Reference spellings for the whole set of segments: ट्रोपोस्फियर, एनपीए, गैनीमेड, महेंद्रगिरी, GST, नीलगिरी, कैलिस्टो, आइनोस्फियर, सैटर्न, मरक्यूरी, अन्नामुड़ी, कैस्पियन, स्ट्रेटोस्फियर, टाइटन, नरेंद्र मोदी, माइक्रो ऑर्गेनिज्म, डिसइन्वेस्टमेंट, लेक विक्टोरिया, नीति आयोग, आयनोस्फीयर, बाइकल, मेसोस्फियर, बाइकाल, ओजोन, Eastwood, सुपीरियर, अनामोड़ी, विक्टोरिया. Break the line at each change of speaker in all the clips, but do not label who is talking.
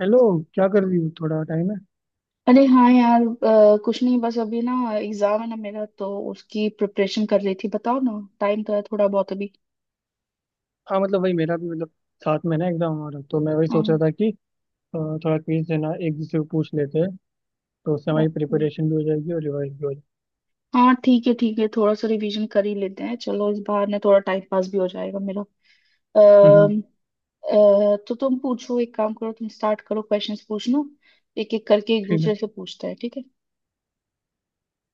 Hello. क्या कर रही हो? थोड़ा टाइम है?
अरे हाँ यार, कुछ नहीं। बस अभी ना एग्जाम है ना मेरा, तो उसकी प्रिपरेशन कर रही थी। बताओ ना, टाइम तो है थोड़ा बहुत अभी।
हाँ, मतलब वही, मेरा भी मतलब साथ में ना एग्जाम हो रहा, तो मैं वही सोच रहा
हाँ।
था कि अ, थोड़ा क्विज से ना एक दूसरे को पूछ लेते हैं, तो उससे हमारी
ओके।
प्रिपरेशन भी हो जाएगी और रिवाइज भी हो
हाँ ठीक है ठीक है, थोड़ा सा रिवीजन कर ही लेते हैं। चलो इस बार ना थोड़ा टाइम पास भी हो जाएगा मेरा।
जाएगी।
अम, तो तुम पूछो, एक काम करो, तुम स्टार्ट करो क्वेश्चंस पूछना। एक एक करके एक
ठीक है।
दूसरे से पूछते हैं, ठीक है।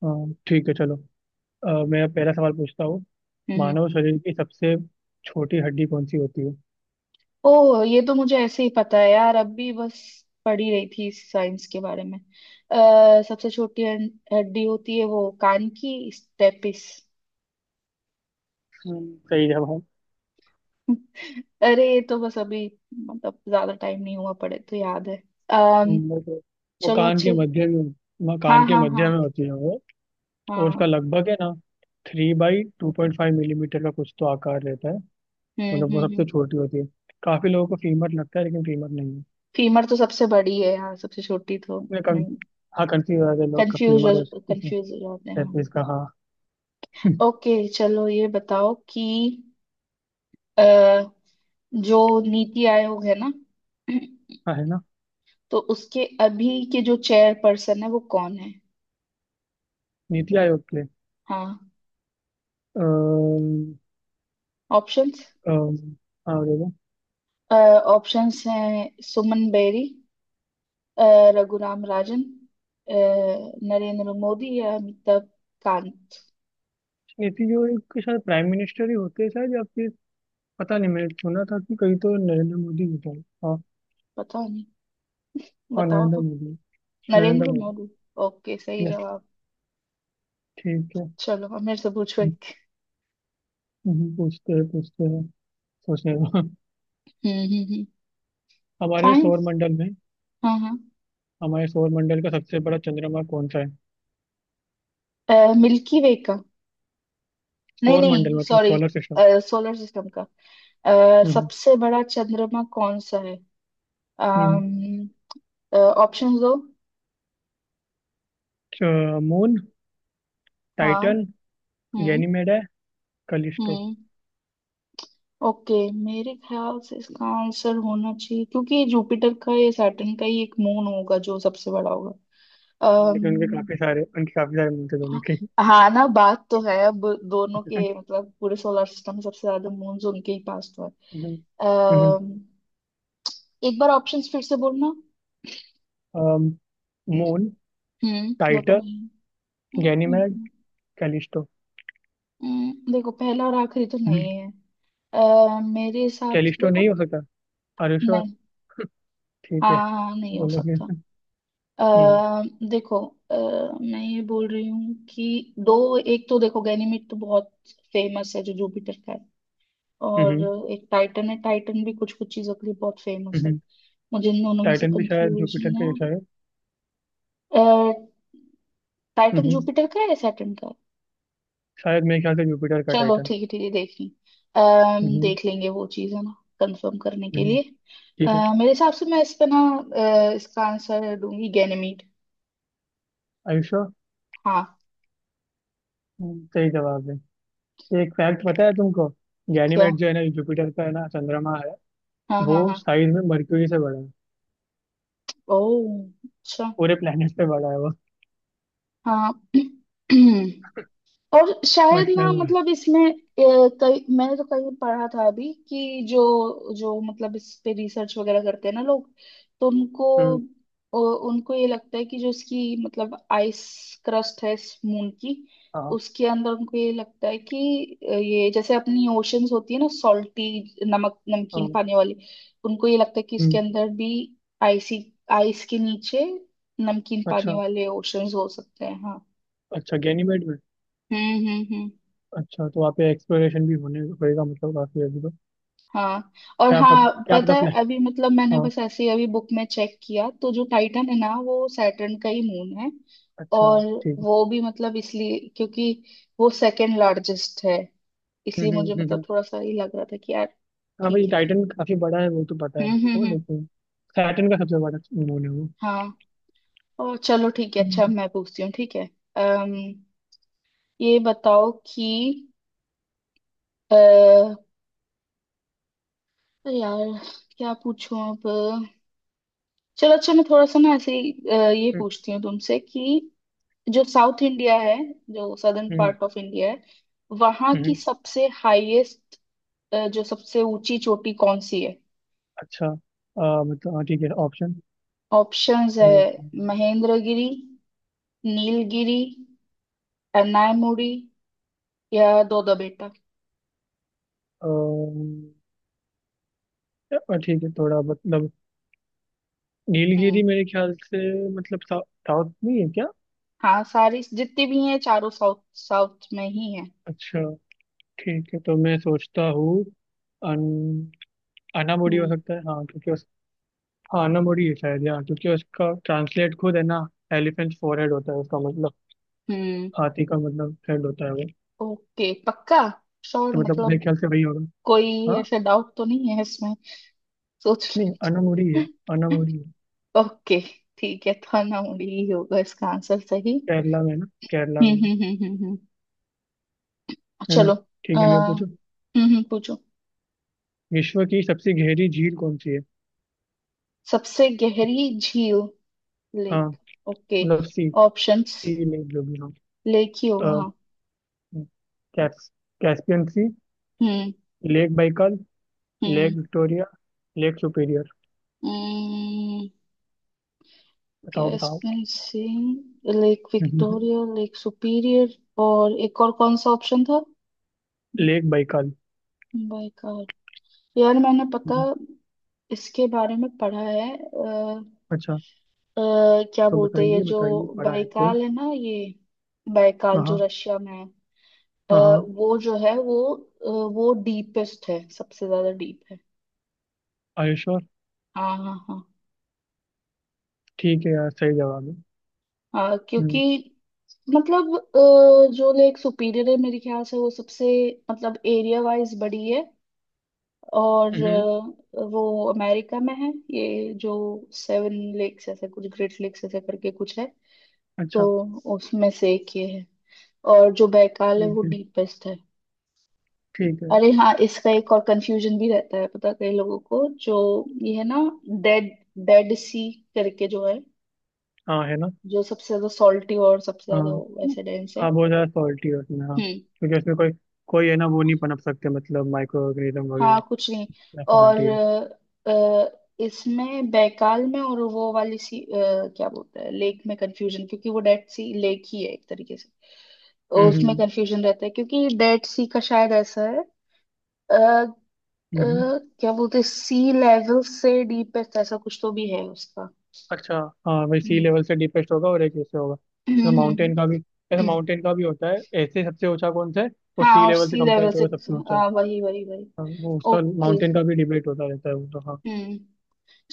ठीक है, चलो। मैं पहला सवाल पूछता हूँ।
हम्म हम्म।
मानव शरीर की सबसे छोटी हड्डी कौन सी होती है?
ओह ये तो मुझे ऐसे ही पता है यार, अब भी बस पढ़ी रही थी साइंस के बारे में। सबसे छोटी हड्डी होती है वो कान की स्टेपिस।
सही जवाब।
अरे ये तो बस अभी मतलब ज्यादा टाइम नहीं हुआ पड़े, तो याद है। अम्म
हम्म, वो तो- वो
चलो
कान के
अच्छे।
मध्य में
हाँ हाँ हाँ
होती है वो। और
हाँ।
उसका लगभग है ना, 3x2.5 मिलीमीटर का कुछ तो आकार रहता है। मतलब वो सबसे
हम्म।
छोटी होती है। काफी लोगों को फीमर लगता है, लेकिन फीमर नहीं है।
फीमर तो सबसे बड़ी है, हाँ सबसे छोटी तो
मैं कं,
नहीं।
हाँ, कंफ्यूज आ गए लोग
कंफ्यूज,
फीमर और इसमें
कंफ्यूज हो जाते हैं हाँ।
सैपीज का, हाँ।
ओके, चलो ये बताओ कि जो नीति आयोग है ना,
हाँ, है ना।
तो उसके अभी के जो चेयर पर्सन है वो कौन है।
नीति आयोग के?
हाँ।
अम्म,
ऑप्शंस।
अम्म, हाँ, देखो।
ऑप्शंस हैं सुमन बेरी, अ, रघुराम राजन, अ, नरेंद्र मोदी या अमिताभ कांत।
नीति, जो एक शायद प्राइम मिनिस्टर ही होते हैं शायद, या फिर पता नहीं, मैंने सुना था कि कहीं तो नरेंद्र मोदी होता है, हाँ।
पता नहीं,
हाँ,
बताओ
नरेंद्र
तो।
मोदी। नरेंद्र
नरेंद्र
मोदी।
मोदी। ओके सही
यस।
जवाब।
ठीक है।
चलो अब मेरे से पूछो
हम्म,
एक।
पूछते हैं, पूछते हैं। सोचने दो।
हम्म।
हमारे
फाइन।
सौर मंडल में
हाँ हाँ।
हमारे सौर मंडल का सबसे बड़ा चंद्रमा कौन सा है?
मिल्की वे का? नहीं
सौर मंडल
नहीं
मतलब
sorry.
Solar system.
Solar system का
हम्म।
सबसे बड़ा चंद्रमा कौन सा है?
हम्म।
ऑप्शन दो।
मून,
हाँ।
टाइटन,
हम्म
गैनीमेड है, कलिस्टो।
हम्म। ओके। मेरे ख्याल से इसका आंसर होना चाहिए क्योंकि ये जुपिटर का या सैटर्न का ही एक मून होगा जो सबसे बड़ा होगा।
लेकिन
अम्म
उनके काफी सारे मिलते दोनों के।
हाँ ना, बात तो है अब दोनों के मतलब पूरे सोलर सिस्टम में सबसे ज्यादा मून्स उनके ही पास तो
हम्म,
है।
हम्म,
अम्म एक बार ऑप्शंस फिर से बोलना।
अम, मून,
वो तो
टाइटन,
नहीं।
गैनीमेड,
हम्म,
कैलिस्टो।
देखो पहला और आखिरी तो नहीं
हम्म,
है। मेरे हिसाब से
कैलिस्टो
देखो।
नहीं हो सकता। अरे श्योर।
नहीं, हाँ
ठीक है,
हाँ नहीं हो
बोलो
सकता।
फिर। हम्म,
आ, देखो, अ, मैं ये बोल रही हूँ कि दो एक तो देखो, गैनीमेड तो बहुत फेमस है जो जुपिटर का है।
हम्म,
और एक टाइटन है, टाइटन भी कुछ कुछ चीजों के लिए बहुत फेमस है।
हम्म,
मुझे इन दोनों में से
टाइटन भी शायद जुपिटर का
कंफ्यूजन
जैसा है।
है,
हम्म,
टाइटन जुपिटर का है या सैटर्न का है।
शायद मेरे ख्याल से जुपिटर का
चलो
टाइटन।
ठीक है देख लें।
हम्म,
देख लेंगे वो चीज़ है ना कंफर्म करने के
हम्म,
लिए।
ठीक है।
मेरे हिसाब से मैं इस पे ना इसका आंसर दूंगी गैनेमीड।
आयुष्या
हाँ।
सही जवाब है। एक फैक्ट पता है तुमको?
क्या?
गैनीमेड जो है ना जुपिटर का है ना चंद्रमा है।
हाँ
वो
हाँ हाँ।
साइज में मरक्यूरी से बड़ा है।
ओह अच्छा।
पूरे प्लेनेट से बड़ा है वो।
हाँ और शायद ना
मतलब,
मतलब इसमें कई, मैंने तो कहीं पढ़ा था अभी कि जो जो मतलब इस पे रिसर्च वगैरह करते हैं ना लोग, तो उनको
हम्म,
उनको ये लगता है कि जो इसकी मतलब आइस क्रस्ट है इस मून की,
हाँ
उसके अंदर उनको ये लगता है कि ये जैसे अपनी ओशंस होती है ना, सॉल्टी नमक नमकीन
हाँ,
पानी वाली, उनको ये लगता है कि इसके
हम्म,
अंदर भी आइसी, आइस के नीचे नमकीन पानी
अच्छा।
वाले ओशंस हो सकते हैं। हाँ।
अच्छा, गैनीमेड में।
हम्म।
अच्छा, तो वहाँ पे एक्सप्लोरेशन भी होने होएगा, मतलब काफी अभी तो।
हाँ और
क्या पता,
हाँ
क्या
पता
पता
है
प्लान।
अभी मतलब मैंने
हाँ,
बस ऐसे ही अभी बुक में चेक किया तो जो टाइटन है ना वो सैटर्न का ही मून है।
अच्छा,
और
ठीक है।
वो भी मतलब इसलिए क्योंकि वो सेकंड लार्जेस्ट है,
हम्म,
इसलिए
हम्म,
मुझे मतलब थोड़ा सा ये लग रहा था कि यार
हाँ भाई,
ठीक है फिर।
टाइटन काफी बड़ा है वो तो, पता है। वो
हम्म।
लेकिन सैटर्न का सबसे बड़ा मून है वो।
हाँ और चलो ठीक है, अच्छा
हम्म,
मैं पूछती हूँ ठीक है। अम ये बताओ कि अ, यार क्या पूछूं अब। चलो अच्छा मैं थोड़ा सा ना ऐसे ही ये
हम्म,
पूछती हूँ तुमसे कि जो साउथ इंडिया है, जो सदर्न
हम्म,
पार्ट ऑफ इंडिया है, वहां की
हम्म।
सबसे हाईएस्ट जो सबसे ऊंची चोटी कौन सी है।
अच्छा। मतलब हाँ, ठीक है, ऑप्शन।
ऑप्शंस है महेंद्रगिरी, नीलगिरी, अन्नायमुड़ी या दोदबेटा।
अ, ठीक है, थोड़ा मतलब नीलगिरी
हम्म।
मेरे ख्याल से। मतलब साउथ नहीं है क्या?
हाँ, सारी जितनी भी हैं चारों साउथ साउथ में ही है।
अच्छा, ठीक है, तो मैं सोचता हूँ। अन, अनामोड़ी हो
हम्म
सकता है हाँ, क्योंकि उस, हाँ, अनामोड़ी है शायद यहाँ, क्योंकि उसका ट्रांसलेट खुद है ना एलिफेंट फोरहेड होता है, उसका मतलब
हम्म।
हाथी का मतलब हेड होता है वो।
ओके पक्का, श्योर,
तो मतलब मेरे
मतलब
ख्याल से वही होगा।
कोई
हाँ,
ऐसा डाउट तो नहीं है इसमें। सोच
नहीं अनामोड़ी है।
लो।
अनामोड़ी है।
ओके, ठीक है तो अन्नामुड़ी ही होगा इसका आंसर सही।
केरला में है ना, केरला में।
हम्म।
है ना।
चलो। आ,
ठीक है, मैं पूछो।
पूछो।
विश्व की सबसे गहरी झील कौन सी है?
सबसे गहरी झील?
हाँ,
लेक? ओके।
मतलब सी।
ऑप्शंस।
सी लेक जो भी हो।
लेक ही होगा
अ,
हाँ।
कैस, कैस्पियन सी,
हम्म
लेक बाइकल, लेक
हम्म।
विक्टोरिया, lake सुपीरियर।
हम्म,
बताओ, बताओ।
कैस्पियन sea, लेक विक्टोरिया, lake सुपीरियर, और एक और कौन सा ऑप्शन था?
Lake बाइकल।
By car? यार मैंने, पता,
हम्म,
इसके बारे में पढ़ा है।
अच्छा।
क्या
तो
बोलते हैं ये
बताइए,
जो
बताइए पढ़ा है तो।
बाइकाल है ना, ये बाइकाल जो
हाँ,
रशिया में है,
हाँ, हाँ।
वो जो है वो वो डीपेस्ट है, सबसे ज्यादा डीप है।
Are you sure?
हाँ हाँ हाँ।
ठीक है यार, सही जवाब है।
हाँ क्योंकि
हम्म,
मतलब जो लेक सुपीरियर है मेरे ख्याल से वो सबसे मतलब एरिया वाइज बड़ी है। और
हम्म,
वो अमेरिका में है, ये जो सेवन लेक्स ऐसे कुछ ग्रेट लेक्स ऐसे करके कुछ है, तो
अच्छा,
उसमें से एक ये है। और जो बैकाल है वो
ठीक है,
डीपेस्ट है।
ठीक है।
अरे हाँ इसका एक और कंफ्यूजन भी रहता है पता है कई लोगों को, जो ये है ना डेड, डेड सी करके जो है,
हाँ, है ना।
जो सबसे ज्यादा सॉल्टी और सबसे
हाँ,
ज्यादा वो ऐसे डेंस है।
हाँ, बहुत ज़्यादा सॉल्टी है उसमें, हाँ,
हम्म।
क्योंकि उसमें कोई, कोई है ना वो नहीं पनप सकते, मतलब माइक्रो ऑर्गेनिज्म
हाँ कुछ
वगैरह।
नहीं। और
सॉल्टी है।
इसमें बैकाल में और वो वाली सी क्या बोलते हैं लेक में कंफ्यूजन क्योंकि वो डेड सी लेक ही है एक तरीके से। उसमें
हम्म,
कंफ्यूजन रहता है क्योंकि डेड सी का शायद ऐसा है अ, अ,
हम्म,
क्या बोलते हैं सी लेवल से डीपेस्ट ऐसा कुछ तो भी है उसका।
अच्छा। हाँ वही, सी
हम्म
लेवल से डीपेस्ट होगा और एक ऐसे होगा।
हम्म,
तो
हम्म, हम्म, हम्म।
माउंटेन का भी होता है ऐसे, सबसे ऊंचा कौन सा है, और
हाँ
सी
और
लेवल से
सी
कंपेयर
लेवल से
करो सबसे ऊंचा।
हाँ वही वही वही।
हाँ, वो उसका
ओके।
माउंटेन का भी डिबेट होता रहता है वो तो, हाँ।
हम्म।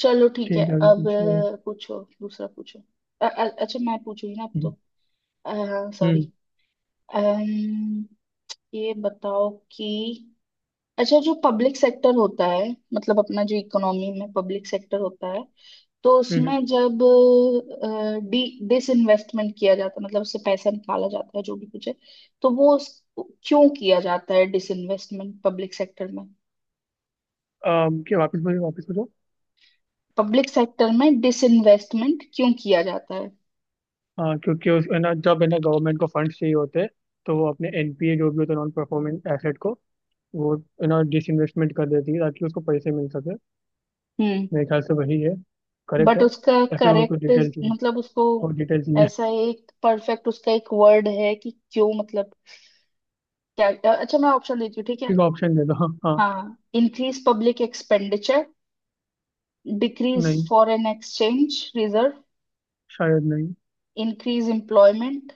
चलो ठीक है
ठीक है, अभी
अब
पूछो।
पूछो दूसरा पूछो। अच्छा मैं पूछूंगी ना अब
हम्म,
तो। सॉरी।
हम्म,
ये बताओ कि अच्छा जो पब्लिक सेक्टर होता है, मतलब अपना जो इकोनॉमी में पब्लिक सेक्टर होता है, तो
हम्म।
उसमें जब अ, डी डिसइन्वेस्टमेंट किया जाता है, मतलब उससे पैसा निकाला जाता है जो भी कुछ है, तो क्यों किया जाता है डिसइन्वेस्टमेंट पब्लिक सेक्टर में?
क्या? वापस बोलो, वापस बोलो।
पब्लिक सेक्टर में डिसइन्वेस्टमेंट क्यों किया जाता है?
हाँ, क्योंकि उस है ना, जब है ना गवर्नमेंट को फंड चाहिए होते हैं, तो वो अपने एनपीए जो भी होता है, नॉन परफॉर्मिंग एसेट को वो है ना डिसइन्वेस्टमेंट कर देती है, ताकि उसको पैसे मिल सके।
हम्म।
मेरे ख्याल से वही है। करेक्ट
बट
है।
उसका
या फिर और कुछ
करेक्ट
डिटेल चाहिए?
मतलब उसको
और डिटेल चाहिए?
ऐसा एक परफेक्ट उसका एक वर्ड है कि क्यों मतलब क्या, अच्छा मैं ऑप्शन देती हूँ ठीक है।
ठीक, ऑप्शन दे दो, हाँ हाँ।
हाँ। इंक्रीज पब्लिक एक्सपेंडिचर, डिक्रीज
नहीं,
फॉरेन एक्सचेंज रिजर्व,
शायद नहीं।
Increase employment,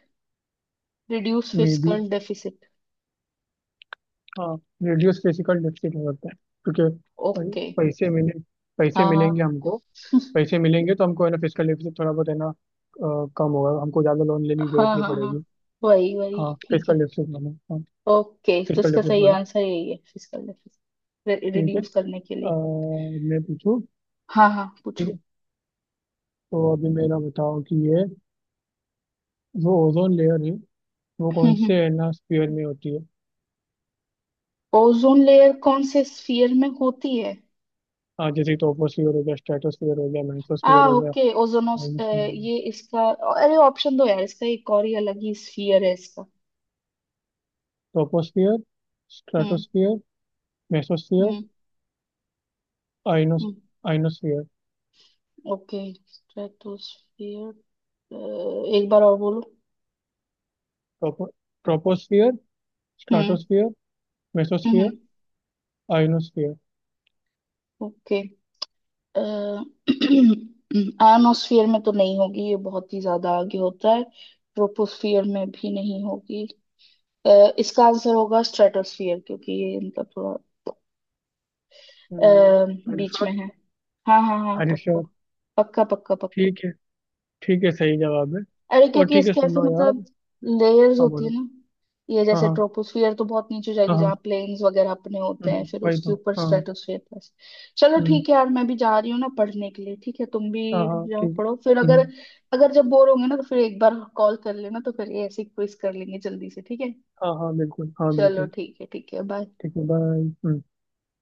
reduce
may be,
fiscal deficit.
हाँ, रेडियोस फिजिकल डेफिसिट हो सकता है। क्योंकि पै-
ओके।
पैसे मिले। पैसे
हाँ हाँ।
मिलेंगे हमको। पैसे मिलेंगे तो हमको है ना फिजिकल डेफिसिट थोड़ा बहुत है ना कम होगा, हमको ज़्यादा लोन लेने की जरूरत
हाँ
नहीं
हाँ हाँ
पड़ेगी।
वही वही
हाँ,
ठीक है।
फिजिकल डेफिसिट वाला, हाँ।
ओके तो
फिजिकल
इसका
डेफिसिट
सही
वाला।
आंसर यही है, फिस्कल डेफिसिट
ठीक है।
रिड्यूस
अ,
करने के लिए।
मैं पूछूँ?
हाँ हाँ
ठीक
पूछो।
है, तो अभी मेरा बताओ कि ये जो ओजोन लेयर है, वो कौन से
हम्म।
है ना स्पीयर में होती है?
ओजोन लेयर कौन से स्फीयर में होती है?
हाँ, जैसे टोपोस्फियर हो गया, स्ट्रेटोस्फियर हो गया,
आ
मेसोस्फियर हो गया।
ओके ओजोनोस ये इसका, अरे ऑप्शन दो यार, इसका एक और ही अलग ही स्फीयर है इसका।
Troposphere,
hmm.
Stratosphere, मेसोस्फियर,
hmm.
आइनोस
हम्म,
आइनोस्फियर।
ओके स्ट्रेटोस्फियर, एक बार और बोलो।
टोपो ट्रोपोस्फियर,
hmm
stratosphere,
hmm.
मेसोस्फियर, आइनोस्फियर।
Okay. आयनोस्फीयर में तो नहीं होगी, ये बहुत ही ज्यादा आगे होता है। ट्रोपोस्फियर में भी नहीं होगी। अ, इसका आंसर होगा स्ट्रेटोस्फियर क्योंकि ये इनका थोड़ा अ, बीच में
अल्फर,
है। हाँ हाँ हाँ पक्का
हरीश्वर।
पक्का पक्का पक्का।
ठीक है। ठीक है, सही जवाब है।
अरे
और
क्योंकि
ठीक है,
इसके ऐसे
सुनो यार।
मतलब लेयर्स
हाँ,
होती है
बोलो।
ना, ये
हाँ
जैसे
हाँ
ट्रोपोस्फियर तो बहुत नीचे जाएगी
हाँ,
जहाँ
हाँ,
प्लेन्स वगैरह अपने होते हैं, फिर
वही
उसके
तो,
ऊपर
हाँ।
स्ट्रेटोस्फियर plus. चलो
हम्म,
ठीक है यार मैं भी जा रही हूँ ना पढ़ने के लिए, ठीक है तुम भी
हाँ हाँ,
जाओ
ठीक
पढ़ो। फिर
है,
अगर
हम्म।
अगर जब बोर होंगे ना तो फिर एक बार कॉल कर लेना तो फिर ये ऐसे क्विज कर लेंगे जल्दी से, ठीक है।
हाँ हाँ बिल्कुल, हाँ
चलो
बिल्कुल।
ठीक है बाय।
ठीक है, बाय।